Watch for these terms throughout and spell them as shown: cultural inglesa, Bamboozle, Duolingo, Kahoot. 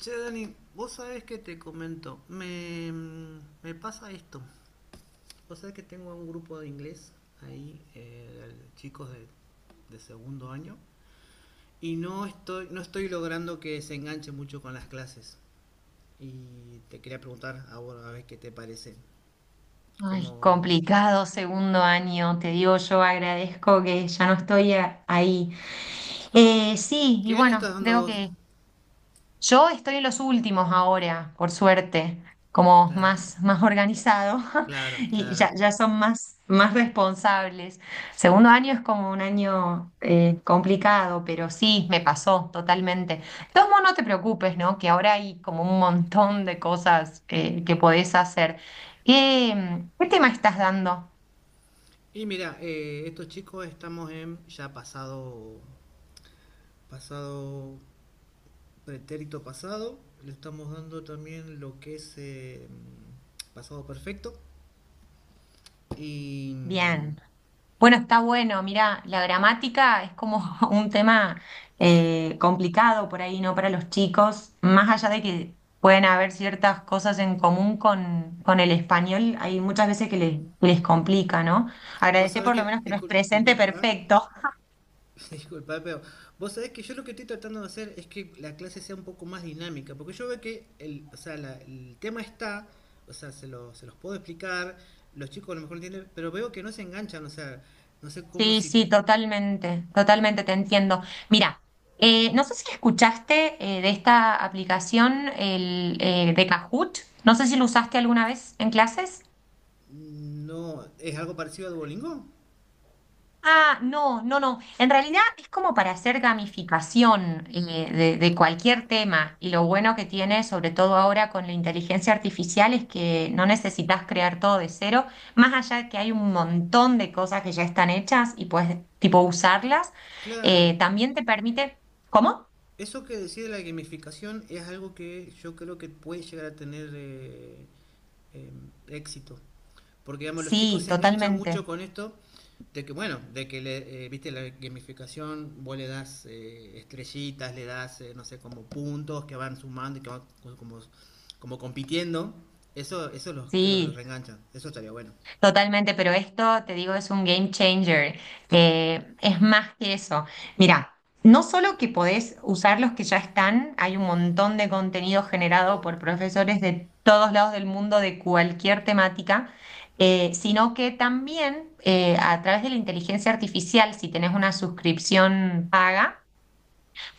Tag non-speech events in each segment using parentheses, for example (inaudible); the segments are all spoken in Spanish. Che, Dani, vos sabés que te comento, me pasa esto. Vos sabés que tengo un grupo de inglés ahí, chicos de segundo año, y no estoy logrando que se enganche mucho con las clases. Y te quería preguntar a vos a ver qué te parece. Ay, Como, complicado segundo año, te digo, yo agradezco que ya no estoy ahí. Sí, y ¿qué año estás bueno, dando creo vos? que yo estoy en los últimos ahora, por suerte, como Claro, más organizado. (laughs) claro, Y claro. ya son más responsables. Segundo año es como un año complicado, pero sí, me pasó totalmente. De todos modos, no te preocupes, ¿no? Que ahora hay como un montón de cosas que podés hacer. ¿Qué tema estás dando? Y mira, estos chicos estamos en ya pasado pretérito pasado, le estamos dando también lo que es pasado perfecto. Y Bien. Bueno, está bueno. Mirá, la gramática es como (laughs) un tema complicado por ahí, ¿no? Para los chicos, más allá de que pueden haber ciertas cosas en común con el español, hay muchas veces que les complica, ¿no? vos Agradecer sabés por que, lo menos que no es presente disculpa, perfecto. (laughs) disculpa, pero vos sabés que yo lo que estoy tratando de hacer es que la clase sea un poco más dinámica, porque yo veo que el, o sea, el tema está, o sea, se los puedo explicar, los chicos a lo mejor no entienden, pero veo que no se enganchan, o sea, no sé cómo Sí, si sí, totalmente te entiendo. Mira, no sé si escuchaste de esta aplicación de Kahoot, no sé si lo usaste alguna vez en clases. No es algo parecido a Duolingo. Ah, no, no, no. En realidad es como para hacer gamificación de cualquier tema. Y lo bueno que tiene, sobre todo ahora con la inteligencia artificial, es que no necesitas crear todo de cero, más allá de que hay un montón de cosas que ya están hechas y puedes, tipo, usarlas. Claro, También te permite... ¿Cómo? eso que decía de la gamificación es algo que yo creo que puede llegar a tener eh, éxito. Porque, digamos, los chicos Sí, se enganchan totalmente. mucho con esto de que, bueno, de que, viste, la gamificación, vos le das estrellitas, le das, no sé, como puntos que van sumando y que van como, como compitiendo. Eso, creo que los Sí. reenganchan. Eso estaría bueno. Totalmente, pero esto, te digo, es un game changer. Es más que eso. Mira, no solo que podés usar los que ya están, hay un montón de contenido generado por profesores de todos lados del mundo de cualquier temática, sino que también a través de la inteligencia artificial, si tenés una suscripción paga,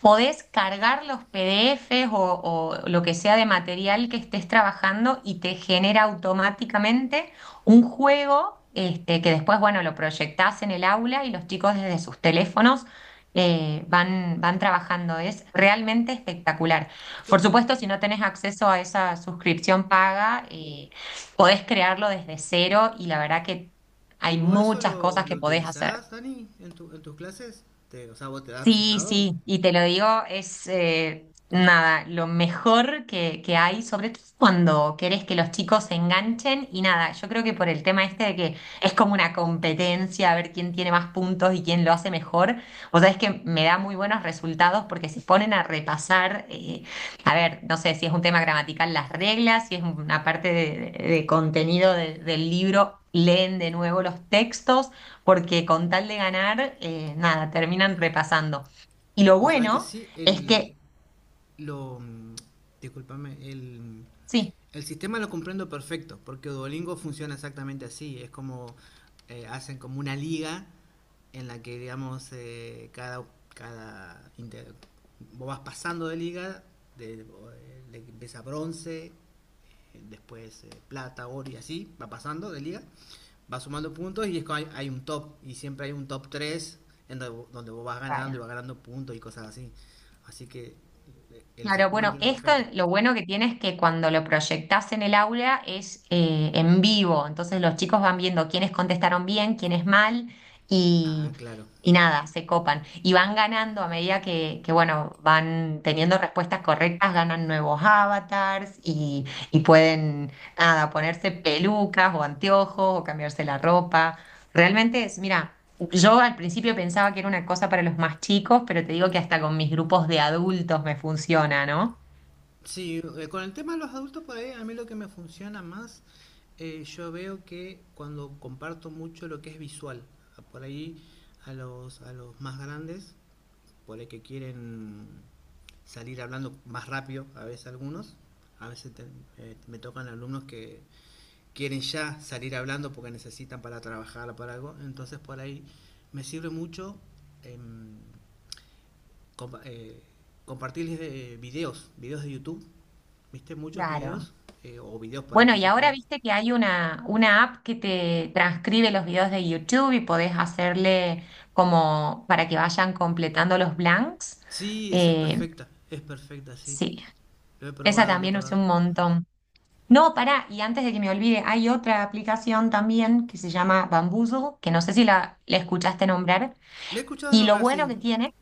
podés cargar los PDFs o lo que sea de material que estés trabajando y te genera automáticamente un juego este, que después, bueno, lo proyectás en el aula y los chicos desde sus teléfonos van trabajando. Es realmente espectacular. Y Por claro, supuesto, y, si no tenés acceso a esa suscripción paga, podés crearlo desde cero y la verdad que ¿y hay vos eso muchas cosas lo que podés hacer. utilizás, Dani, en tus clases? ¿Te, o sea, vos te das Sí, resultado? sí, y te lo digo, es nada, lo mejor que hay, sobre todo cuando querés que los chicos se enganchen y nada, yo creo que por el tema este de que es como una competencia, a ver quién tiene más puntos y quién lo hace mejor, vos sabés que me da muy buenos resultados porque se ponen a repasar, a ver, no sé si es un tema gramatical las reglas, si es una parte de contenido del libro, leen de nuevo los textos porque con tal de ganar, nada, terminan repasando. Y lo Vos sabés que bueno sí, es que, lo, mm, discúlpame, sí, el sistema lo comprendo perfecto, porque Duolingo funciona exactamente así, es como hacen como una liga en la que, digamos, cada, cada vos vas pasando de liga, de empieza bronce, después plata, oro y así, va pasando de liga, va sumando puntos y es como hay un top, y siempre hay un top 3 en donde, donde vos vas ganando y para. vas ganando puntos y cosas así. Así que el Claro, sistema lo bueno, entiendo esto perfecto. lo bueno que tiene es que cuando lo proyectás en el aula es en vivo, entonces los chicos van viendo quiénes contestaron bien, quiénes mal Ah, y, claro. y nada, se copan. Y van ganando a medida que, bueno, van teniendo respuestas correctas, ganan nuevos avatars y pueden, nada, ponerse pelucas o anteojos o cambiarse la ropa. Realmente es, mira. Yo al principio pensaba que era una cosa para los más chicos, pero te digo que hasta con mis grupos de adultos me funciona, ¿no? Sí, con el tema de los adultos por ahí, a mí lo que me funciona más, yo veo que cuando comparto mucho lo que es visual, por ahí a los más grandes, por ahí que quieren salir hablando más rápido, a veces algunos, a veces te- me tocan alumnos que quieren ya salir hablando porque necesitan para trabajar o para algo, entonces por ahí me sirve mucho em, compa- eh, compartirles videos de YouTube. ¿Viste muchos Claro. videos? O videos por ahí Bueno, que y yo ahora puedo. viste que hay una app que te transcribe los videos de YouTube y podés hacerle como para que vayan completando los blanks. Sí, esa es Eh, perfecta. Es perfecta, sí. sí, Lo he esa probado, lo he también usé probado. un montón. No, pará, y antes de que me olvide, hay otra aplicación también que se llama Bamboozle, que no sé si la escuchaste nombrar. La he escuchado Y lo nombrar, bueno que sí. tiene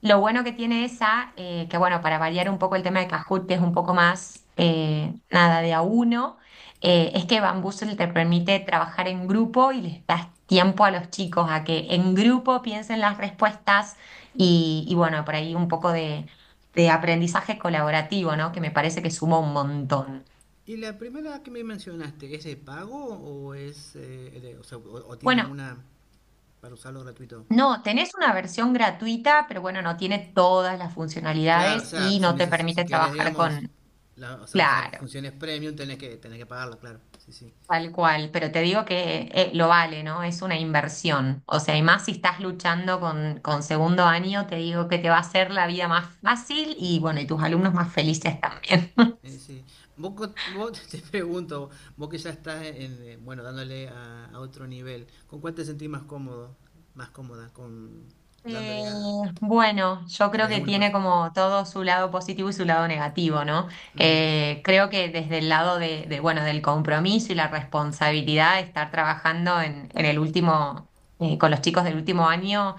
Lo bueno que tiene esa, que bueno, para variar un poco el tema de Kahoot, que es un poco más, nada, de a uno, es que Bamboozle te permite trabajar en grupo y les das tiempo a los chicos a que en grupo piensen las respuestas y bueno, por ahí un poco de aprendizaje colaborativo, ¿no? Que me parece que suma un montón. ¿Y la primera que me mencionaste, es de pago o es o, sea, o tiene Bueno, alguna para usarlo gratuito? no, tenés una versión gratuita, pero bueno, no tiene todas las Claro, o funcionalidades sea, y no te si permite querés, trabajar digamos, con... o sea, usar Claro. funciones premium, tenés que pagarlo, claro. Sí, sí. Tal cual, pero te digo que lo vale, ¿no? Es una inversión. O sea, y más si estás luchando con segundo año, te digo que te va a hacer la vida más fácil y bueno, y tus alumnos más felices también. (laughs) Sí. Vos (laughs) te pregunto, vos que ya estás en, bueno, dándole a otro nivel, ¿con cuál te sentís más cómodo? Más cómoda, con Eh, dándole a... bueno, yo creo ¿Tenés que alguna tiene como todo su lado positivo y su lado negativo, ¿no? ujú, Creo que desde el lado bueno, del compromiso y la responsabilidad de estar trabajando en el último, con los chicos del último año,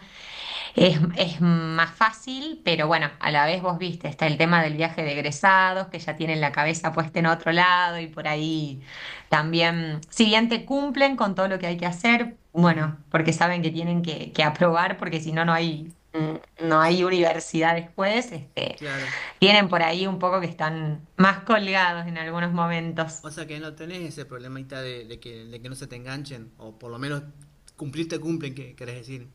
es más fácil, pero bueno, a la vez vos viste, está el tema del viaje de egresados, que ya tienen la cabeza puesta en otro lado y por ahí también, si bien te cumplen con todo lo que hay que hacer, ujú, bueno, porque saben que tienen que aprobar, porque si no, no hay, no hay universidad después, este, claro. tienen por ahí un poco que están más colgados en algunos momentos. O sea que no tenés ese problemita de que no se te enganchen, o por lo menos cumplir te cumplen, que querés decir,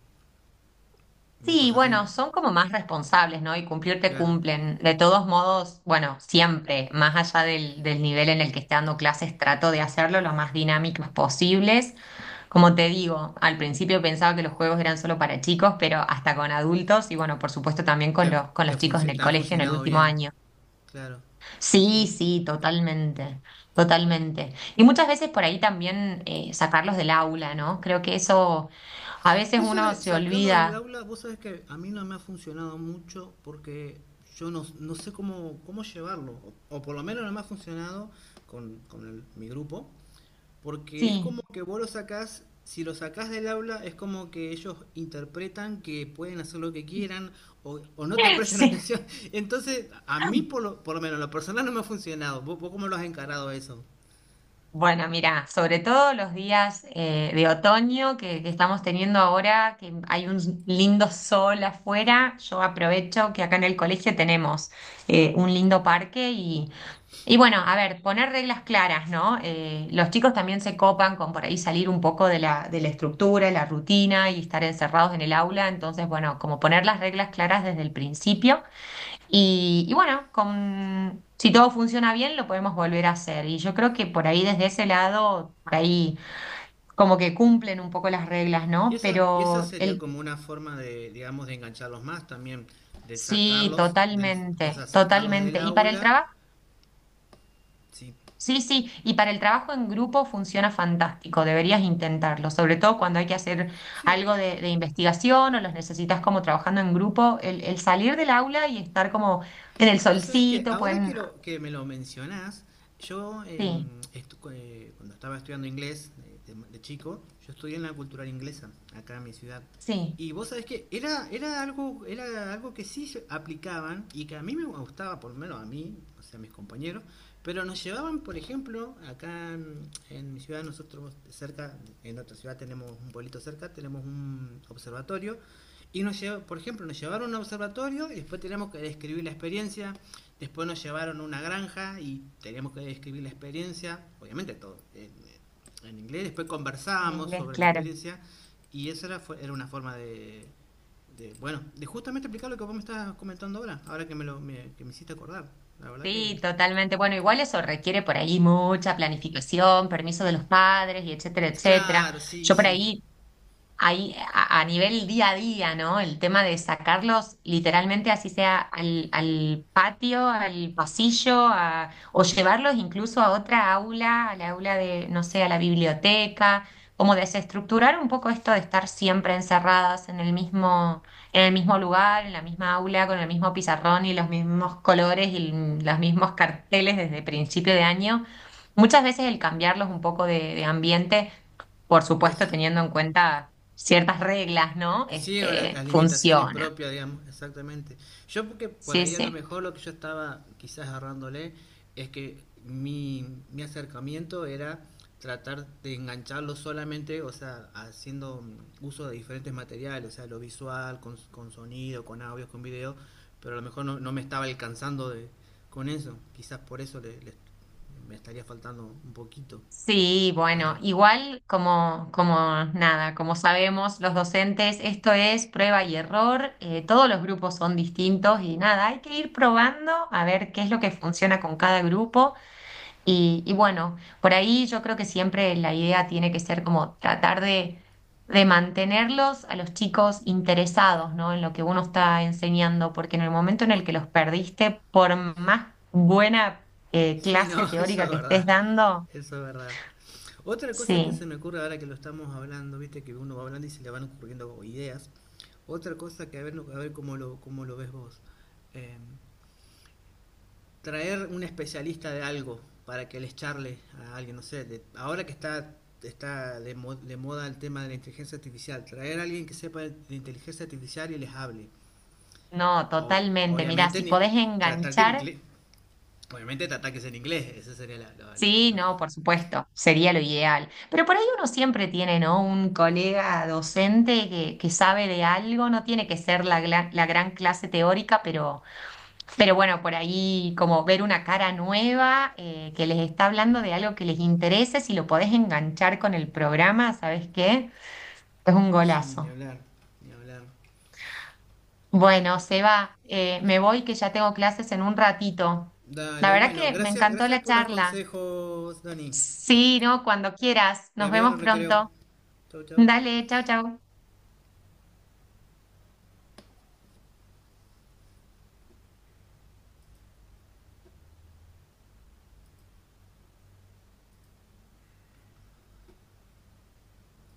una Sí, cosa así, bueno, son como más responsables, ¿no? Y cumplir te claro. cumplen. De todos modos, bueno, siempre, más allá del nivel en el que esté dando clases, trato de hacerlo lo más dinámicos posibles. Como te digo, al principio pensaba que los juegos eran solo para chicos, pero hasta con adultos y bueno, por supuesto también con Te, con los chicos en el te han colegio en el funcionado último bien, año. claro. Sí, Sí, sí. sí, totalmente. Y muchas veces por ahí también sacarlos del aula, ¿no? Creo que eso a veces Eso uno de se sacarlo del olvida. aula, vos sabés que a mí no me ha funcionado mucho porque yo no sé cómo, cómo llevarlo, o por lo menos no me ha funcionado con mi grupo, porque es como Sí. que vos lo sacás, si lo sacás del aula es como que ellos interpretan que pueden hacer lo que quieran o no te (laughs) prestan Sí, atención. (laughs) Entonces, a mí por lo menos, en lo personal no me ha funcionado. Vos cómo lo has encarado eso? bueno, mira, sobre todo los días de otoño que estamos teniendo ahora, que hay un lindo sol afuera, yo aprovecho que acá en el colegio tenemos un lindo parque y bueno, a ver, poner reglas claras, ¿no? Los chicos también se copan con por ahí salir un poco de de la estructura, la rutina y estar encerrados en el aula, entonces, bueno, como poner las reglas claras desde el principio. Y bueno, con, si todo funciona bien, lo podemos volver a hacer. Y yo creo que por ahí, desde ese lado, por ahí como que cumplen un poco las reglas, Y ¿no? Esa Pero sería el, como una forma de, digamos, de engancharlos más también, de sí, sacarlos o sea, totalmente, sacarlos del totalmente. Y para el aula, trabajo, sí, sí, sí, y para el trabajo en grupo funciona fantástico, deberías intentarlo, sobre todo cuando hay que hacer sí. algo de investigación o los necesitas como trabajando en grupo, el salir del aula y estar como en el Vos sabés que solcito, ahora pueden, que, que me lo mencionás, yo sí, cuando estaba estudiando inglés de chico, yo estudié en la cultural inglesa, acá en mi ciudad. sí, Y vos sabés que era algo que sí se aplicaban y que a mí me gustaba, por lo menos a mí, o sea, a mis compañeros, pero nos llevaban, por ejemplo, acá en mi ciudad, nosotros cerca, en otra ciudad tenemos un pueblito cerca, tenemos un observatorio, y nos llevaron a un observatorio y después teníamos que describir la experiencia. Después nos llevaron a una granja y teníamos que describir la experiencia, obviamente todo en inglés. Después en conversábamos inglés, sobre la claro. experiencia y era una forma de, bueno, de justamente explicar lo que vos me estás comentando ahora, ahora que que me hiciste acordar. La verdad que... Sí, totalmente. Bueno, igual eso requiere por ahí mucha planificación, permiso de los padres y etcétera, etcétera. Claro, sí, Yo por sí, ahí a nivel día a día, ¿no? El tema de sacarlos literalmente así sea al patio, al pasillo, o llevarlos incluso a otra aula, al aula de, no sé, a la biblioteca, como desestructurar un poco esto de estar siempre encerradas en el mismo lugar, en la misma aula, con el mismo pizarrón y los mismos colores y los mismos carteles desde principio de año. Muchas veces el cambiarlos un poco de ambiente por supuesto es teniendo en cuenta ciertas reglas, ¿no? sí, no, Este, las limitaciones funciona. propias, digamos, exactamente. Yo porque por Sí, ahí a lo sí. mejor lo que yo estaba quizás agarrándole es que mi acercamiento era tratar de engancharlo solamente, o sea, haciendo uso de diferentes materiales, o sea, lo visual, con sonido, con audio, con video, pero a lo mejor no me estaba alcanzando de, con eso. Quizás por eso me estaría faltando un poquito Sí, bueno, para... igual como nada, como sabemos los docentes, esto es prueba y error, todos los grupos son distintos y nada, hay que ir probando a ver qué es lo que funciona con cada grupo. Y bueno, por ahí yo creo que siempre la idea tiene que ser como tratar de mantenerlos a los chicos interesados, ¿no? En lo que uno está enseñando, porque en el momento en el ot- que los perdiste, por más buena sí, no, clase (laughs) eso teórica es que estés verdad, dando, eso es verdad. Otra cosa que se sí, me ocurre ahora que lo estamos hablando, viste que uno va hablando y se le van ocurriendo ideas. Otra cosa que a ver cómo lo ves vos. Eh, traer un especialista de algo para que les charle a alguien, no sé, ahora que está de moda el tema de la inteligencia artificial, traer a alguien que sepa de inteligencia artificial y les hable. no, totalmente. Mirá, Obviamente, si podés tratar que en enganchar inglés, obviamente tratar que sea en inglés, ese sería la, sí, lo- no, por supuesto, sería lo ideal. Pero por ahí uno siempre tiene, ¿no? Un colega docente que sabe de algo, no tiene que ser la gran clase teórica, pero bueno, por ahí como ver una cara nueva que les está hablando de algo que les interese, si lo podés enganchar con el programa, ¿sabes qué? Es un sí, ni golazo. hablar, ni hablar. Bueno, Seba, me voy que ya tengo clases en un ratito. La Dale, verdad bueno, que me gracias, encantó gracias la por los charla. consejos, Dani. Sí, no, cuando quieras. Te Nos veo en el vemos recreo. pronto. Chau, chau. Dale, chao, chao.